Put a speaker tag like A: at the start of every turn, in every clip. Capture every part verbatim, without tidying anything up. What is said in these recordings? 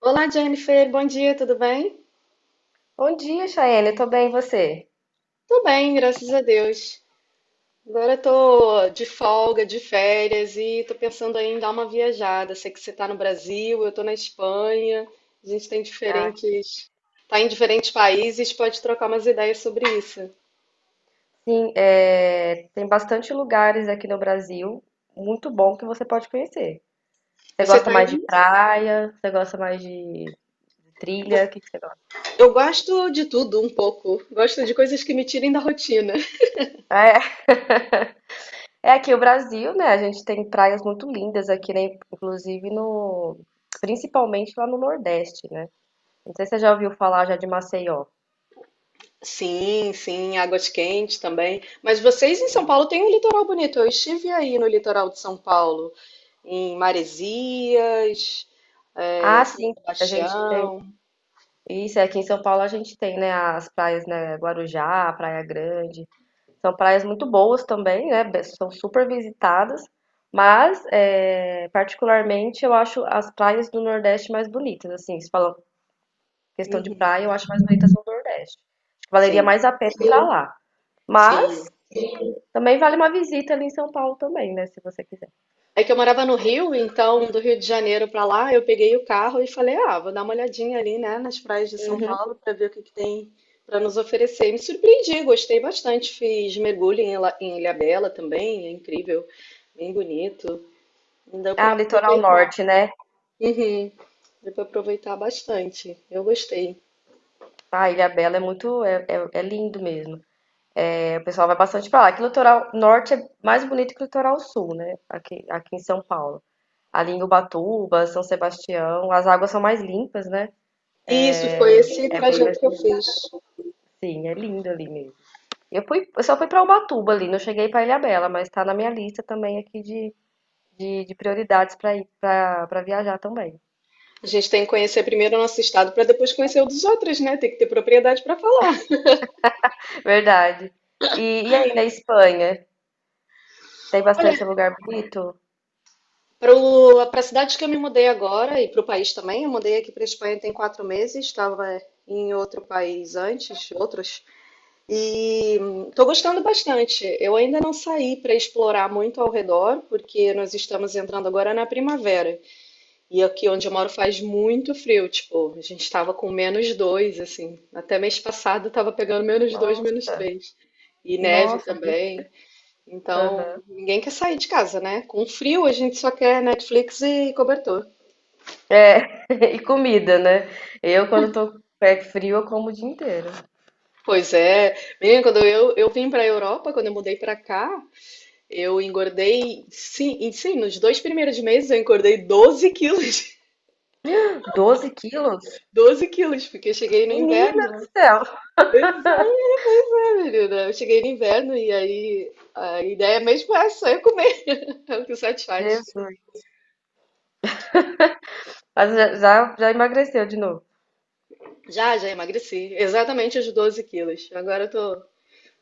A: Olá, Jennifer. Bom dia, tudo bem?
B: Bom dia, Chayane. Tô bem, e você?
A: Tô bem, graças a Deus. Agora tô de folga, de férias e tô pensando aí em dar uma viajada. Sei que você tá no Brasil, eu tô na Espanha. A gente tem
B: Ah,
A: diferentes, tá em diferentes países, pode trocar umas ideias sobre isso.
B: sim, é, tem bastante lugares aqui no Brasil muito bom que você pode conhecer. Você
A: Você
B: gosta
A: tá
B: mais de
A: aí?
B: praia? Você gosta mais de, de trilha? O que que você gosta?
A: Eu gosto de tudo um pouco. Gosto de coisas que me tirem da rotina.
B: É, é aqui o Brasil, né? A gente tem praias muito lindas aqui, né? Inclusive no, Principalmente lá no Nordeste, né? Não sei se você já ouviu falar já de Maceió.
A: Sim, sim, águas quentes também. Mas vocês em São Paulo têm um litoral bonito. Eu estive aí no litoral de São Paulo, em Maresias, eh,
B: Ah,
A: São
B: sim, a gente.
A: Sebastião.
B: Isso, aqui em São Paulo a gente tem, né, as praias, né, Guarujá, Praia Grande. São praias muito boas também, né? São super visitadas, mas é, particularmente eu acho as praias do Nordeste mais bonitas. Assim, se falar questão de
A: Uhum.
B: praia, eu acho mais bonitas do Nordeste. Acho que valeria
A: Sim,
B: mais a pena ir pra lá. Mas
A: sim.
B: também vale uma visita ali em São Paulo também, né? Se você quiser.
A: É que eu morava no Rio, então do Rio de Janeiro para lá, eu peguei o carro e falei: ah, vou dar uma olhadinha ali, né, nas praias de São
B: Uhum.
A: Paulo para ver o que que tem para nos oferecer. Me surpreendi, gostei bastante. Fiz mergulho em Ila- em Ilhabela também, é incrível, bem bonito. Não deu
B: Ah,
A: para
B: o litoral
A: aproveitar.
B: norte, né?
A: Uhum. Deu para aproveitar bastante. Eu gostei.
B: Ah, Ilhabela é muito, é, é, é lindo mesmo. O pessoal vai bastante pra lá. Que o litoral norte é mais bonito que o litoral sul, né? Aqui, aqui em São Paulo. Ali em Ubatuba, São Sebastião, as águas são mais limpas, né?
A: E
B: É,
A: isso foi esse
B: é bem mais
A: trajeto que eu
B: bonito.
A: fiz.
B: Sim, é lindo ali mesmo. Eu fui, eu só fui pra Ubatuba ali, não cheguei pra Ilhabela, mas tá na minha lista também aqui de, de, de prioridades pra ir pra, pra viajar também.
A: A gente tem que conhecer primeiro o nosso estado para depois conhecer o dos outros, né? Tem que ter propriedade para falar.
B: Verdade. E, e aí na Espanha? Tem bastante
A: Olha,
B: lugar bonito?
A: para a cidade que eu me mudei agora e para o país também, eu mudei aqui para a Espanha tem quatro meses, estava em outro país antes, outros, e estou gostando bastante. Eu ainda não saí para explorar muito ao redor, porque nós estamos entrando agora na primavera. E aqui onde eu moro faz muito frio, tipo, a gente tava com menos dois, assim. Até mês passado tava pegando menos dois, menos
B: Nossa,
A: três. E neve
B: nossa.
A: também.
B: Aham.
A: Então, ninguém quer sair de casa, né? Com frio a gente só quer Netflix e cobertor.
B: É, e comida, né? Eu, quando tô com o pé frio, eu como o dia inteiro.
A: Pois é. Menina, quando eu, eu vim para a Europa, quando eu mudei para cá, eu engordei, sim, e sim, nos dois primeiros meses eu engordei doze quilos.
B: Doze quilos?
A: doze quilos, porque eu cheguei no
B: Menina
A: inverno.
B: do céu!
A: Pois é, pois é, menina. Eu cheguei no inverno e aí a ideia mesmo é só eu comer, é o que satisfaz.
B: Jesus! Mas já, já, já emagreceu de novo.
A: Já, já emagreci, exatamente os 12 quilos. Agora eu tô,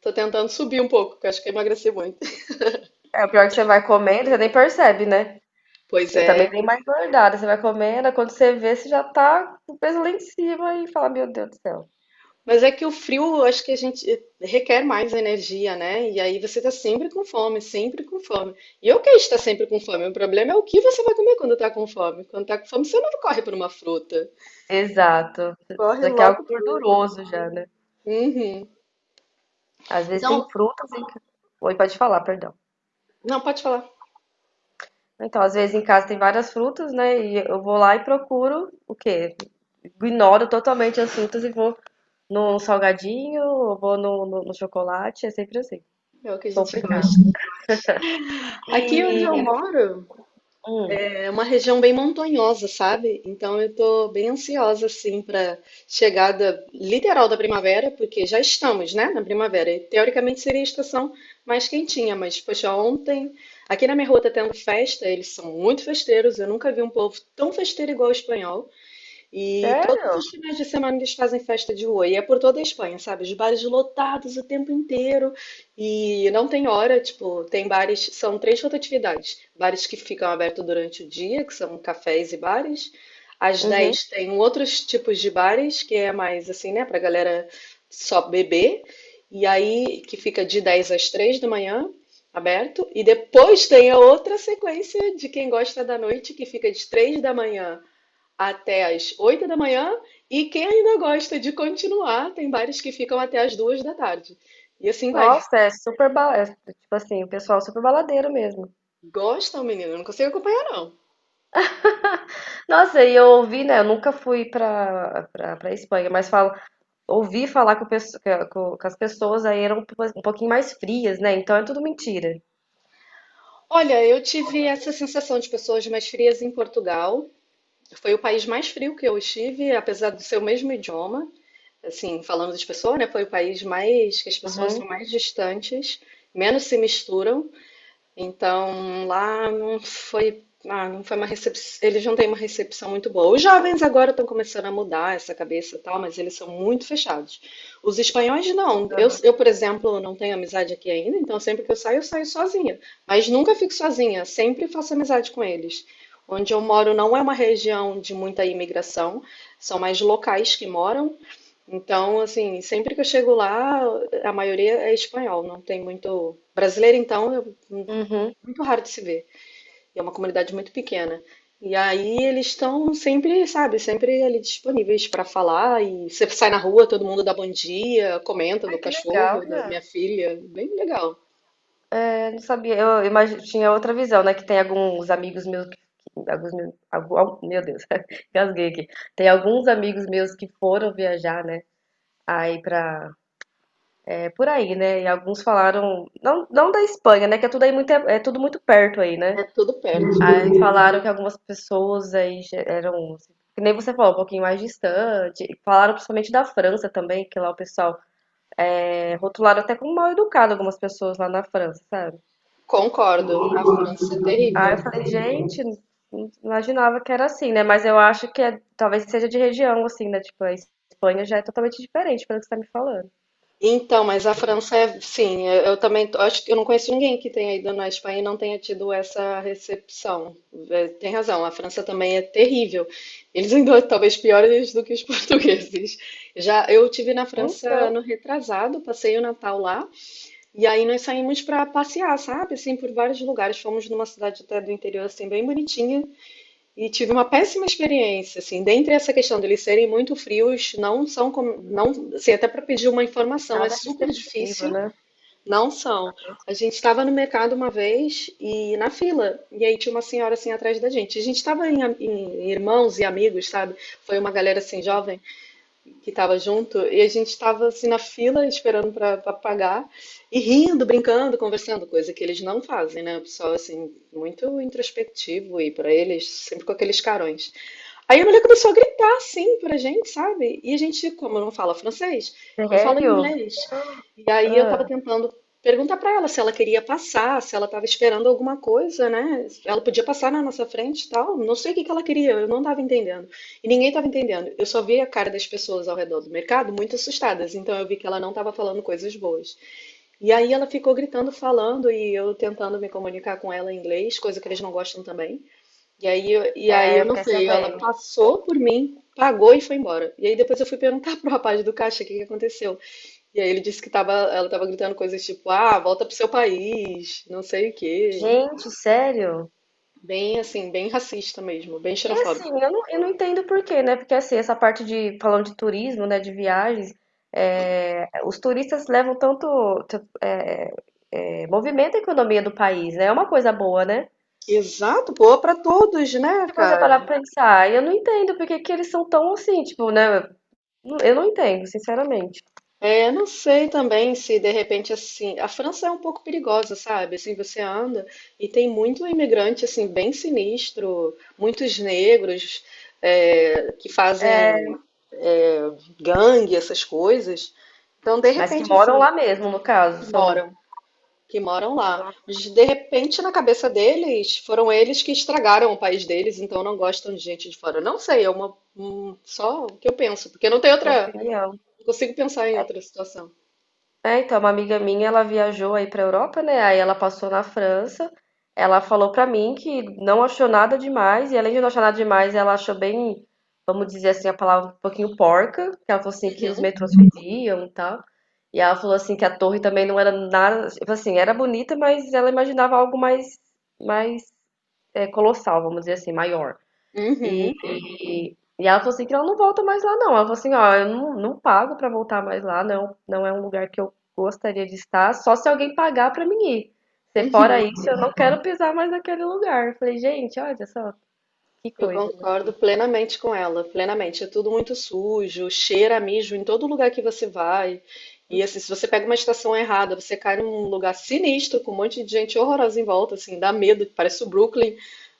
A: tô tentando subir um pouco, porque eu acho que eu emagreci muito.
B: É, o pior é que você vai comendo, você nem percebe, né?
A: Pois
B: Eu também
A: é,
B: dei mais engordada. Você vai comendo, aí quando você vê, você já tá com o peso lá em cima e fala, meu Deus do céu.
A: mas é que o frio, eu acho que a gente requer mais energia, né? E aí você tá sempre com fome, sempre com fome. E eu quero estar sempre com fome, o problema é o que você vai comer quando tá com fome. Quando tá com fome, você não corre por uma fruta.
B: Exato.
A: Corre
B: Já que é algo
A: logo. pro-
B: gorduroso já, né?
A: Uhum.
B: Às vezes tem
A: Então,
B: frutas e... Oi, pode falar, perdão.
A: não, pode falar.
B: Então, às vezes em casa tem várias frutas, né? E eu vou lá e procuro o quê? Ignoro totalmente as frutas e vou no salgadinho, ou vou no, no, no chocolate, é sempre assim.
A: É o que a gente
B: Complicado.
A: gosta. Aqui onde eu
B: E,
A: moro
B: hum,
A: é uma região bem montanhosa, sabe? Então eu tô bem ansiosa assim para chegada literal da primavera, porque já estamos, né, na primavera. E, teoricamente seria a estação mais quentinha, mas poxa, ontem aqui na minha rua tá tendo festa, eles são muito festeiros. Eu nunca vi um povo tão festeiro igual o espanhol. E todos
B: sério?
A: os finais de semana eles fazem festa de rua. E é por toda a Espanha, sabe? Os bares lotados o tempo inteiro. E não tem hora, tipo, tem bares, são três rotatividades. Bares que ficam abertos durante o dia, que são cafés e bares. Às
B: Uhum.
A: dez tem outros tipos de bares, que é mais assim, né, pra galera só beber. E aí, que fica de dez às três da manhã, aberto. E depois tem a outra sequência de quem gosta da noite, que fica de três da manhã até as oito da manhã, e quem ainda gosta de continuar, tem bares que ficam até as duas da tarde. E assim vai.
B: Nossa, é super ba... é, tipo assim, o pessoal super baladeiro mesmo.
A: Gostam, menino? Eu não consigo acompanhar, não.
B: Nossa, e eu ouvi, né? Eu nunca fui pra, pra, pra Espanha, mas falo, ouvi falar que, o pesso- que a- que o- que as pessoas aí eram um pouquinho mais frias, né? Então é tudo mentira.
A: Olha, eu tive essa sensação de pessoas mais frias em Portugal. Foi o país mais frio que eu estive, apesar do seu mesmo idioma. Assim, falando das pessoas, né? Foi o país mais que as pessoas
B: Uhum.
A: são mais distantes, menos se misturam. Então, lá não foi, ah, não foi uma recepção, eles não têm uma recepção muito boa. Os jovens agora estão começando a mudar essa cabeça e tal, mas eles são muito fechados. Os espanhóis não. Eu, eu, por exemplo, não tenho amizade aqui ainda, então sempre que eu saio, eu saio sozinha. Mas nunca fico sozinha, sempre faço amizade com eles. Onde eu moro não é uma região de muita imigração, são mais locais que moram. Então, assim, sempre que eu chego lá, a maioria é espanhol, não tem muito. Brasileiro, então, eu
B: Uhum.
A: muito raro de se ver. E é uma comunidade muito pequena. E aí eles estão sempre, sabe, sempre ali disponíveis para falar. E você sai na rua, todo mundo dá bom dia, comenta
B: Ai,
A: do
B: que
A: cachorro,
B: legal,
A: da
B: né?
A: minha filha. Bem legal.
B: É, eu não sabia, eu imagi- tinha outra visão, né? Que tem alguns amigos meus que. que- Alguns meus, algum- al- Meu Deus, gasguei aqui. Tem alguns amigos meus que foram viajar, né? Aí pra. É por aí, né? E alguns falaram. Não, não da Espanha, né? Que é tudo aí muito, é tudo muito perto aí, né?
A: É tudo perto.
B: Aí falaram que algumas pessoas aí já eram, assim, que nem você falou, um pouquinho mais distante. Falaram principalmente da França também, que lá o pessoal é, rotularam até como mal educado algumas pessoas lá na França, sabe?
A: Concordo, a França é
B: Ah, eu
A: terrível.
B: falei, gente, não imaginava que era assim, né? Mas eu acho que é- talvez seja de região, assim, né? Tipo, a Espanha já é totalmente diferente pelo que você tá me falando.
A: Então, mas a França é, sim, eu eu também tô- acho que eu não conheço ninguém que tenha ido na Espanha e não tenha tido essa recepção. É, tem razão, a França também é terrível. Eles ainda talvez piores do que os portugueses. Já eu tive na França
B: Então,
A: ano retrasado, passei o Natal lá e aí nós saímos para passear, sabe? Assim, por vários lugares. Fomos numa cidade até do interior assim bem bonitinha e tive uma péssima experiência, assim, dentre essa questão deles serem muito frios, não são como, não, assim, até para pedir uma informação é
B: nada
A: super
B: receptivo,
A: difícil,
B: né?
A: não são. A gente estava no mercado uma vez e na fila, e aí tinha uma senhora assim atrás da gente. A gente estava em, am- em irmãos e amigos, sabe? Foi uma galera assim
B: Sim.
A: jovem que estava junto, e a gente estava assim na fila esperando para pagar e rindo, brincando, conversando, coisa que eles não fazem, né? O pessoal assim muito introspectivo e para eles sempre com aqueles carões. Aí a mulher começou a gritar assim pra gente, sabe? E a gente, como eu não falo francês, eu falo
B: Sério?
A: inglês. E aí eu tava
B: Ah,
A: tentando perguntar pra ela se ela queria passar, se ela tava esperando alguma coisa, né? Ela podia passar na nossa frente e tal. Não sei o que que ela queria, eu não tava entendendo. E ninguém tava entendendo. Eu só vi a cara das pessoas ao redor do mercado muito assustadas, então eu vi que ela não tava falando coisas boas. E aí ela ficou gritando, falando, e eu tentando me comunicar com ela em inglês, coisa que eles não gostam também. E aí, eu- e aí
B: é,
A: eu
B: eu
A: não
B: fiquei
A: sei, ela
B: sabendo.
A: passou por mim, pagou e foi embora. E aí depois eu fui perguntar pro rapaz do caixa o que que aconteceu. E aí ele disse que tava, ela tava gritando coisas tipo, ah, volta pro seu país, não sei o quê.
B: Gente, sério?
A: Bem assim, bem racista mesmo, bem
B: E
A: xenofóbico.
B: assim, eu não, eu não entendo por quê, né? Porque assim, essa parte de, falando de turismo, né, de viagens, é, os turistas levam tanto, t- é, é, movimento a economia do país, né? É uma coisa boa, né?
A: Exato, pô, pra todos, né,
B: Se você
A: cara?
B: parar pra pensar, eu não entendo porque que eles são tão assim, tipo, né? Eu não entendo, sinceramente.
A: É, não sei também se de repente assim, a França é um pouco perigosa, sabe? Assim, você anda e tem muito imigrante assim bem sinistro, muitos negros é, que
B: É,
A: fazem é, gangue, essas coisas. Então, de
B: mas que
A: repente assim,
B: moram lá mesmo, no caso,
A: que
B: são
A: moram, que moram lá.
B: uma
A: Mas de repente na cabeça deles foram eles que estragaram o país deles, então não gostam de gente de fora. Não sei, é uma um- só o que eu penso, porque não tem
B: uma
A: outra,
B: opinião.
A: não consigo pensar em outra situação.
B: É, então, uma amiga minha, ela viajou aí pra Europa, né? Aí ela passou na França. Ela falou pra mim que não achou nada demais, e além de não achar nada demais, ela achou bem, vamos dizer assim, a palavra um pouquinho porca, que ela falou assim que os
A: Uhum.
B: metrôs fediam e tal. E ela falou assim que a torre também não era nada, tipo assim, era bonita, mas ela imaginava algo mais mais é, colossal, vamos dizer assim, maior. E,
A: Uhum,
B: e, e ela falou assim que ela não volta mais lá, não. Ela falou assim, ó, eu não, não pago pra voltar mais lá, não, não é um lugar que eu gostaria de estar, só se alguém pagar pra mim ir. Se fora
A: uhum.
B: isso, eu não quero pisar mais naquele lugar. Eu falei, gente, olha só, que
A: Eu
B: coisa, né?
A: concordo plenamente com ela, plenamente. É tudo muito sujo, cheira a mijo em todo lugar que você vai. E assim, se você pega uma estação errada, você cai num lugar sinistro com um monte de gente horrorosa em volta, assim, dá medo, parece o Brooklyn.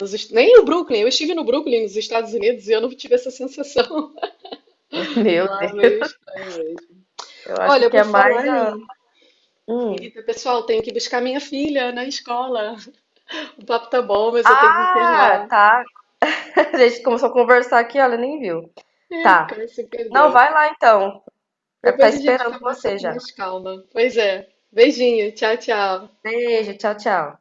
A: nos est- Nem o Brooklyn, eu estive no Brooklyn, nos Estados Unidos, e eu não tive essa sensação.
B: Meu
A: Lá é
B: Deus,
A: meio estranho mesmo.
B: eu acho
A: Olha,
B: que
A: por
B: é mais
A: falar
B: a.
A: em.
B: Hum.
A: Menina, pessoal, tenho que buscar minha filha na escola. O papo tá bom, mas eu tenho que
B: Ah,
A: encerrar.
B: tá. A gente começou a conversar aqui, olha, nem viu.
A: É,
B: Tá.
A: cara, se
B: Não,
A: perdeu.
B: vai lá então. Deve estar
A: Depois a gente
B: esperando
A: conversa
B: você
A: com
B: já.
A: mais calma. Pois é. Beijinho. Tchau, tchau.
B: Beijo, tchau, tchau.